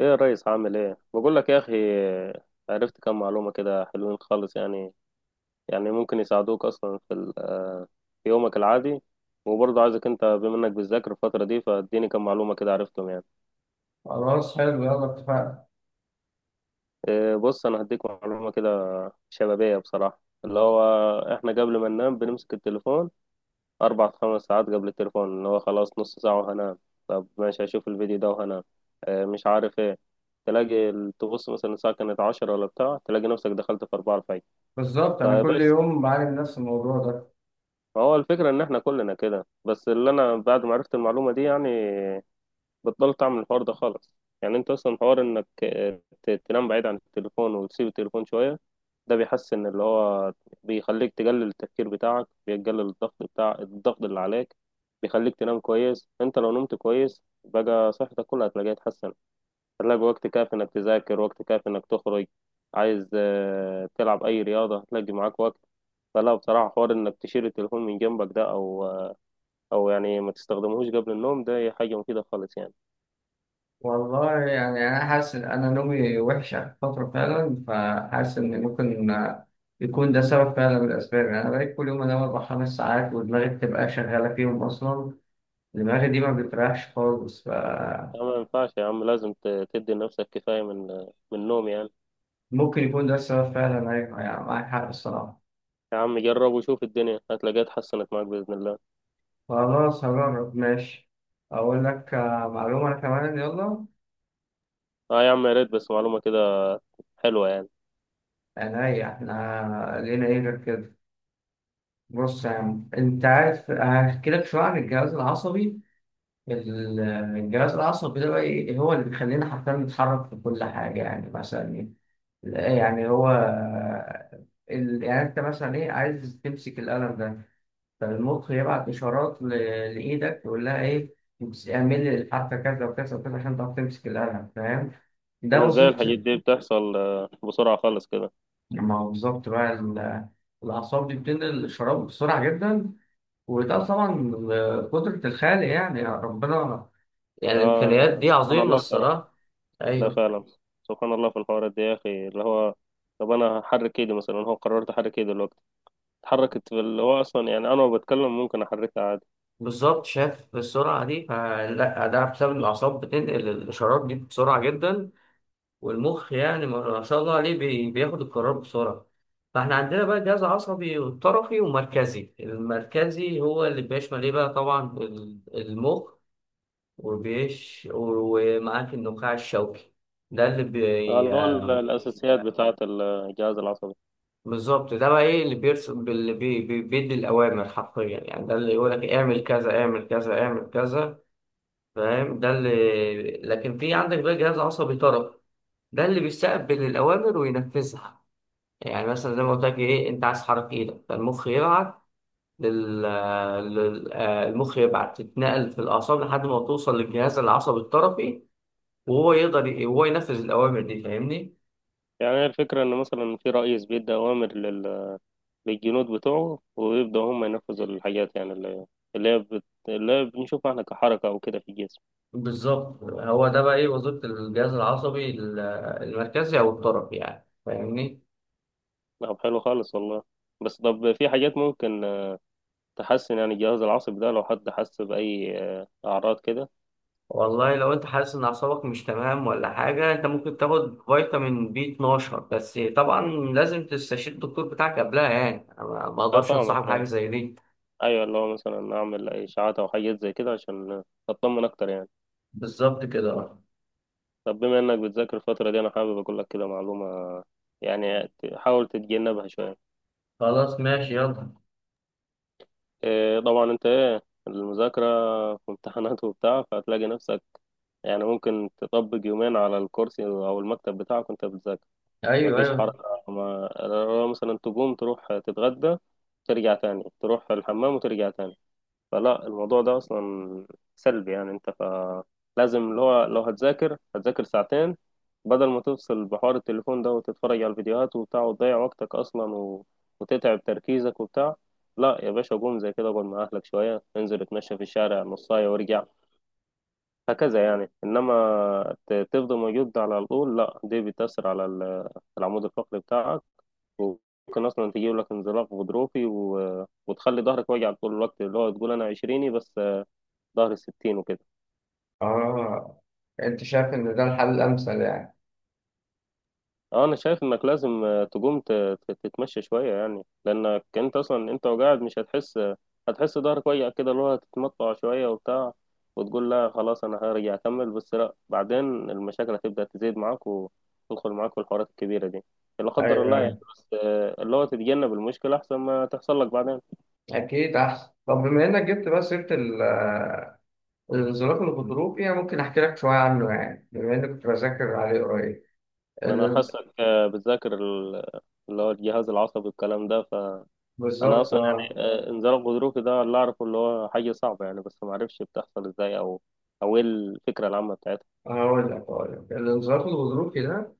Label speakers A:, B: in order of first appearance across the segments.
A: ايه يا ريس، عامل ايه؟ بقول لك يا اخي، عرفت كم معلومة كده، حلوين خالص يعني. يعني ممكن يساعدوك اصلا في في يومك العادي. وبرضه عايزك انت بما انك بتذاكر الفترة دي، فاديني كم معلومة كده عرفتهم يعني.
B: خلاص، حلو، يلا اتفقنا.
A: بص انا هديك معلومة كده شبابية بصراحة، اللي هو احنا قبل ما ننام بنمسك التليفون اربع خمس ساعات. قبل التليفون اللي هو خلاص نص ساعة وهنام، طب ماشي هشوف الفيديو ده وهنام، مش عارف ايه، تلاقي تبص مثلا الساعة كانت 10 ولا بتاع، تلاقي نفسك دخلت في 4. طيب
B: بالظبط، انا كل
A: بس،
B: يوم بعاني من نفس الموضوع ده.
A: هو الفكرة إن إحنا كلنا كده، بس اللي أنا بعد ما عرفت المعلومة دي يعني بطلت أعمل الحوار ده خالص. يعني أنت أصلا حوار إنك تنام بعيد عن التليفون وتسيب التليفون شوية، ده بيحسن اللي هو، بيخليك تقلل التفكير بتاعك، بيقلل الضغط بتاع الضغط اللي عليك، بيخليك تنام كويس. أنت لو نمت كويس بقى، صحتك كلها هتلاقيها اتحسنت، هتلاقي وقت كافي انك تذاكر، وقت كافي انك تخرج، عايز تلعب اي رياضة هتلاقي معاك وقت. فلا بصراحة، حوار انك تشيل التليفون من جنبك ده، او يعني ما تستخدمهوش قبل النوم، ده هي حاجة مفيدة خالص يعني.
B: والله يعني انا حاسس ان انا نومي وحش اخر فتره فعلا، فحاسس ان ممكن يكون ده سبب فعلا من الاسباب. يعني انا بقيت كل يوم انام اربع خمس ساعات ودماغي بتبقى شغاله فيهم اصلا. دماغي دي ما بتريحش خالص، فممكن
A: أنا ما ينفعش يا عم، لازم تدي لنفسك كفاية من النوم يعني.
B: يكون ده السبب فعلا. ايوه يعني معاك حق الصراحه.
A: يا عم جرب وشوف، الدنيا هتلاقيها اتحسنت معاك بإذن الله.
B: خلاص هجرب ماشي. اقول لك معلومه كمان، يلا.
A: اه يا عم يا ريت، بس معلومة كده حلوة يعني.
B: انا ايه احنا لينا ايه غير كده؟ بص يا عم، انت عارف هحكي لك شويه عن الجهاز العصبي. ال- الجهاز العصبي ده بقى ايه؟ هو اللي بيخلينا حرفيا نتحرك في كل حاجه. يعني مثلا ايه؟ لا، يعني هو يعني انت مثلا ايه، عايز تمسك القلم ده، فالمخ يبعت اشارات لايدك، يقول لها ايه، اعمل لي الحركه كذا وكذا وكذا عشان تعرف تمسك القلم، فاهم؟
A: طب
B: ده
A: ازاي الحاجات
B: وظيفته.
A: دي بتحصل بسرعة خالص كده؟
B: ما هو بالظبط بقى الاعصاب دي بتنقل الاشارات بسرعه جدا، وده طبعا قدرة الخالق يعني، يا ربنا. يعني الإمكانيات
A: اه
B: دي
A: سبحان
B: عظيمة
A: الله بصراحة.
B: الصراحة.
A: لا
B: أيوه.
A: فعلا، سبحان الله في الحوارات دي يا اخي، اللي هو طب انا هحرك ايدي مثلا، هو قررت احرك ايدي دلوقتي اتحركت، في اللي هو اصلا يعني انا وبتكلم ممكن احركها عادي.
B: بالظبط، شاف السرعة دي؟ فلا، ده بسبب إن الأعصاب بتنقل الإشارات دي بسرعة جدا، والمخ يعني ما شاء الله عليه بياخد القرار بسرعة. فإحنا عندنا بقى جهاز عصبي وطرفي ومركزي. المركزي هو اللي بيشمل إيه بقى؟ طبعا المخ، وبيش ومعاك النخاع الشوكي، ده اللي.
A: اللي هو الاساسيات بتاعه الجهاز العصبي.
B: بالظبط، ده بقى ايه اللي بيرسم اللي بي بي بيدي الاوامر حرفيا. يعني ده اللي يقول لك اعمل كذا، اعمل كذا، اعمل كذا، فاهم؟ ده اللي. لكن في عندك بقى جهاز عصبي طرف، ده اللي بيستقبل الاوامر وينفذها. يعني مثلا زي ما قلت لك ايه، انت عايز تحرك ايدك، فالمخ يبعت لل... لل... آه، المخ يبعت، تتنقل في الاعصاب لحد ما توصل للجهاز العصبي الطرفي، وهو يقدر هو ينفذ الاوامر دي، فاهمني؟
A: يعني هي الفكره ان مثلا في رئيس بيدي اوامر للجنود بتوعه، ويبداوا هم ينفذوا الحاجات يعني اللي هي بت... اللي هي بنشوفها احنا كحركه او كده في الجسم.
B: بالظبط، هو ده بقى ايه وظيفة الجهاز العصبي المركزي او الطرفي، يعني فاهمني؟
A: طب حلو خالص والله. بس طب في حاجات ممكن تحسن يعني الجهاز العصبي ده، لو حد حس باي اعراض كده؟
B: والله لو انت حاسس ان اعصابك مش تمام ولا حاجة، انت ممكن تاخد فيتامين بي 12، بس طبعا لازم تستشير الدكتور بتاعك قبلها. يعني أنا ما
A: اه
B: اقدرش
A: فاهمك.
B: انصحك بحاجة زي دي.
A: ايوه، اللي هو مثلا اعمل اشاعات او حاجات زي كده عشان اطمن اكتر يعني.
B: بالظبط كده، آه.
A: طب بما انك بتذاكر الفتره دي، انا حابب اقول لك كده معلومه يعني، حاول تتجنبها شويه.
B: خلاص ماشي، يلا.
A: إيه طبعا انت ايه المذاكره، في امتحانات وبتاع فهتلاقي نفسك يعني ممكن تطبق يومين على الكرسي او المكتب بتاعك وانت بتذاكر،
B: ايوه
A: مفيش
B: ايوه،
A: حركه. ما لو مثلا تقوم تروح تتغدى، ترجع تاني تروح الحمام وترجع تاني، فلا الموضوع ده اصلا سلبي يعني انت، فلازم اللي هو لو هتذاكر هتذاكر ساعتين، بدل ما تفصل بحوار التليفون ده وتتفرج على الفيديوهات وبتاع وتضيع وقتك اصلا وتتعب تركيزك وبتاع. لا يا باشا، قوم زي كده، اقعد مع اهلك شويه، انزل اتمشى في الشارع نص ساعه وارجع، هكذا يعني. انما تفضل موجود على طول، لا دي بتاثر على العمود الفقري بتاعك، وممكن اصلا تجيب لك انزلاق غضروفي وتخلي ظهرك واجع طول الوقت، اللي هو تقول انا عشريني بس ظهر الستين وكده.
B: آه. أنت شايف إن ده الحل الأمثل يعني؟
A: اه انا شايف انك لازم تقوم تتمشى شوية يعني، لانك انت اصلا انت وقاعد مش هتحس، هتحس ظهرك وجع كده اللي هو، هتتمطع شوية وبتاع وتقول لا خلاص انا هرجع اكمل، بس لا بعدين المشاكل هتبدأ تزيد معاك وتدخل معاك في الحوارات الكبيرة دي. لا قدر
B: ايوه
A: الله يعني،
B: ايوه،
A: بس اللي هو تتجنب المشكلة احسن ما تحصل لك بعدين.
B: أكيد أحسن. طب بما إنك جبت بقى سيرة الانزلاق الغضروفي، أنا ممكن أحكي لك شوية عنه، يعني بما إني كنت بذاكر عليه قريب.
A: وانا
B: ال-
A: حاسك بتذاكر اللي هو الجهاز العصبي والكلام ده. انا
B: بالظبط،
A: اصلا
B: آه.
A: يعني انزال الغضروفي ده اللي اعرفه اللي هو حاجه صعبه يعني، بس ما اعرفش بتحصل ازاي او ايه الفكره العامه بتاعتها.
B: هقول لك الانزلاق الغضروفي ده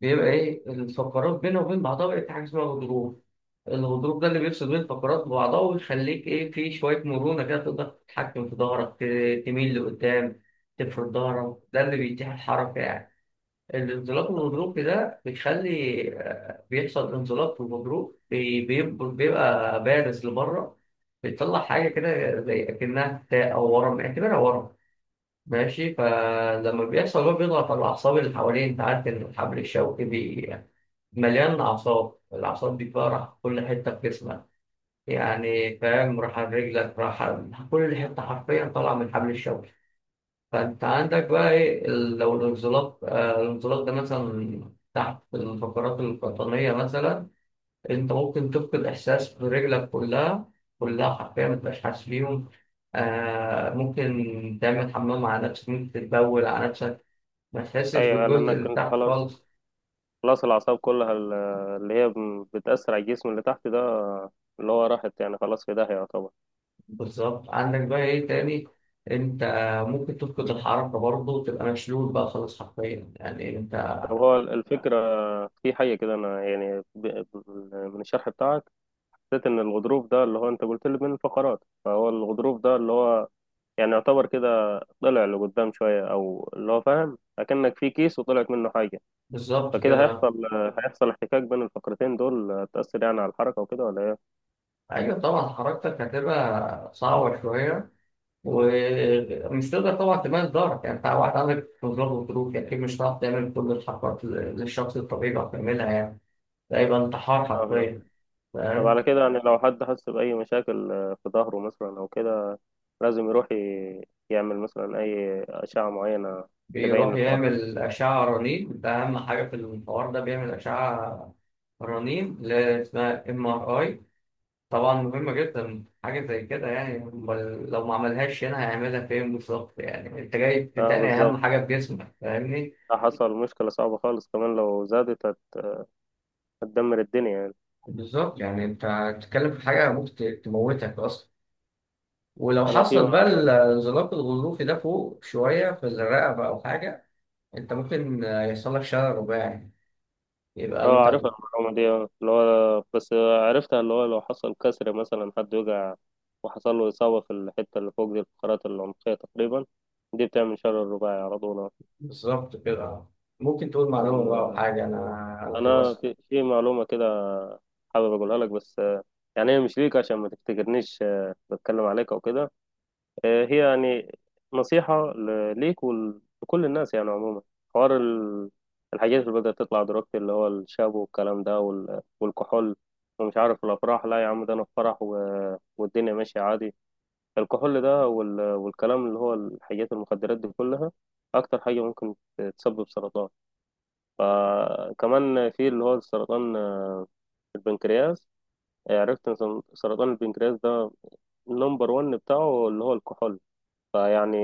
B: بيبقى إيه؟ الفقرات بينه وبين بعضها بقت حاجة اسمها غضروف. الغضروف ده اللي بيفصل بين الفقرات ببعضها ويخليك إيه، في شوية مرونة كده تقدر تتحكم في ظهرك، تميل لقدام، تفرد ظهرك، ده اللي بيتيح الحركة يعني. الانزلاق والغضروف ده بيخلي بيحصل انزلاق، والغضروف بيبقى بارز لبره، بيطلع حاجة كده زي أكنها تاء أو ورم، اعتبرها ورم ماشي. فلما بيحصل، هو بيضغط على الأعصاب اللي حواليه. أنت عارف إن الحبل الشوكي مليان أعصاب. الأعصاب دي بقى راح في كل حتة في جسمك، يعني فاهم، راح على رجلك، كل حتة حرفيا طالعة من الحبل الشوكي. فانت عندك بقى ايه، لو الانزلاق الانزلاق ده مثلا تحت الفقرات القطنية مثلا، انت ممكن تفقد احساس برجلك كلها حرفيا، ما تبقاش حاسس بيهم. آه ممكن تعمل حمام على نفسك، ممكن تتبول على نفسك، ما تحسش
A: ايوه،
B: بالجزء
A: لانك
B: اللي
A: انت
B: تحت
A: خلاص
B: خالص.
A: خلاص الاعصاب كلها اللي هي بتاثر على الجسم اللي تحت ده، اللي هو راحت يعني خلاص في داهيه يعتبر.
B: بالظبط، عندك بقى ايه تاني، انت ممكن تفقد الحركة برضه وتبقى مشلول بقى خالص حرفيا، يعني انت.
A: طب هو الفكره في حاجه كده، انا يعني من الشرح بتاعك حسيت ان الغضروف ده اللي هو انت قلت لي من الفقرات، فهو الغضروف ده اللي هو يعني يعتبر كده طلع لقدام شويه، او اللي هو فاهم اكنك في كيس وطلعت منه حاجه.
B: بالظبط
A: فكده
B: كده.
A: هيحصل هيحصل احتكاك بين الفقرتين دول، تأثر يعني على الحركة وكده، ولا ايه؟
B: ايوه طبعا، حركتك هتبقى صعبة شوية ومش تقدر طبعا تمارس دورك. يعني انت واحد عندك قدرات وظروف، يعني اكيد مش هتعرف تعمل كل الحركات اللي الشخص الطبيعي بيعرف يعملها، يعني ده يبقى انتحار
A: فاهمك.
B: حرفيا،
A: طب
B: فاهم؟
A: على كده يعني، لو حد حس بأي مشاكل في ظهره مثلا أو كده، لازم يروح يعمل مثلا أي أشعة معينة تبين
B: بيروح
A: الحوار ده.
B: يعمل أشعة رنين، ده أهم حاجة في الحوار ده، بيعمل أشعة رنين اللي هي اسمها ام ار اي. طبعا مهمة جدا حاجة زي كده، يعني أمال لو ما عملهاش هنا هيعملها فين بالظبط؟ يعني انت جاي
A: اه
B: تتقني أهم
A: بالظبط،
B: حاجة في جسمك، فاهمني؟
A: ده حصل مشكلة صعبة خالص، كمان لو زادت هتدمر الدنيا يعني.
B: بالظبط. يعني انت بتتكلم في حاجة ممكن تموتك اصلا. ولو
A: أنا في
B: حصل بقى الانزلاق الغضروفي ده فوق شوية في الرقبة أو حاجة، أنت ممكن يحصل لك شلل رباعي، يبقى
A: اه،
B: أنت.
A: عارفها المعلومة دي، اه اللي هو بس عرفتها، اللي هو لو حصل كسر مثلا حد وقع وحصل له إصابة في الحتة اللي فوق دي الفقرات العنقية تقريبا، دي بتعمل شلل رباعي على طول اه.
B: بالظبط كده. ممكن تقول معلومة بقى أو
A: أم-
B: حاجة، أنا أنا
A: أنا
B: خلصت.
A: في معلومة كده حابب أقولها لك بس يعني هي مش ليك عشان ما تفتكرنيش بتكلم عليك أو كده، هي يعني نصيحة ليك ولكل الناس يعني عموما. حوار الحاجات اللي بدأت تطلع دلوقتي اللي هو الشابو والكلام ده، والكحول، ومش عارف الأفراح، لا يا عم ده أنا في فرح والدنيا ماشية عادي. الكحول ده والكلام، اللي هو الحاجات المخدرات دي كلها، أكتر حاجة ممكن تسبب سرطان. فكمان في اللي هو سرطان البنكرياس، عرفت إن سرطان البنكرياس ده النمبر ون بتاعه اللي هو الكحول. فيعني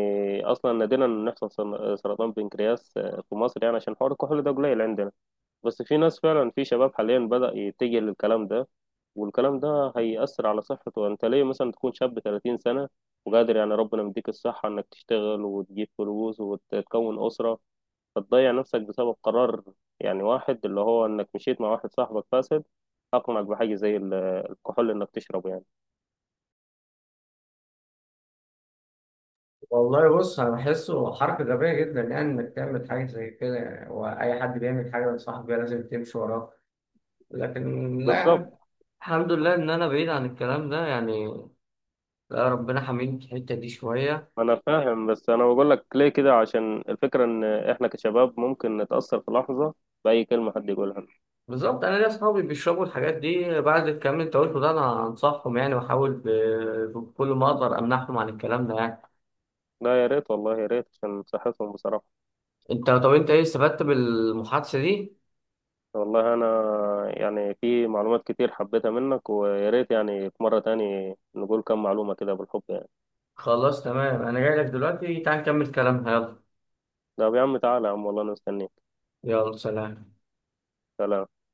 A: اصلا نادرا ان يحصل سرطان بنكرياس في مصر يعني عشان حوار الكحول ده قليل عندنا. بس في ناس فعلا، في شباب حاليا بدأ يتجه للكلام ده، والكلام ده هيأثر على صحته. انت ليه مثلا تكون شاب 30 سنة وقادر، يعني ربنا مديك الصحة انك تشتغل وتجيب فلوس وتكون أسرة، فتضيع نفسك بسبب قرار يعني، واحد اللي هو انك مشيت مع واحد صاحبك فاسد اقنعك بحاجة زي الكحول انك تشربه يعني.
B: والله بص، أنا بحسه حركة غبية جدا، يعني إنك تعمل حاجة زي كده، يعني وأي حد بيعمل حاجة بنصحك بيها لازم تمشي وراه؟ لكن لا،
A: بالظبط.
B: الحمد لله إن أنا بعيد عن الكلام ده يعني، لا ربنا حميني في الحتة دي شوية.
A: ما انا فاهم بس انا بقول لك ليه كده عشان الفكره ان احنا كشباب ممكن نتاثر في لحظه باي كلمه حد يقولها.
B: بالظبط، انا ليا اصحابي بيشربوا الحاجات دي. بعد الكلام اللي انت قلته ده، انا انصحهم يعني، واحاول بكل ما اقدر امنعهم عن الكلام ده يعني.
A: لا يا ريت والله، يا ريت عشان صحتهم بصراحه.
B: انت طب انت ايه استفدت بالمحادثه دي؟
A: والله انا يعني في معلومات كتير حبيتها منك، ويا ريت يعني في مره تاني نقول كم معلومه كده بالحب يعني.
B: خلاص تمام، انا جاي لك دلوقتي، تعال نكمل كلامنا، يلا.
A: طب يا عم تعالى يا عم، والله انا مستنيك.
B: يلا سلام.
A: سلام.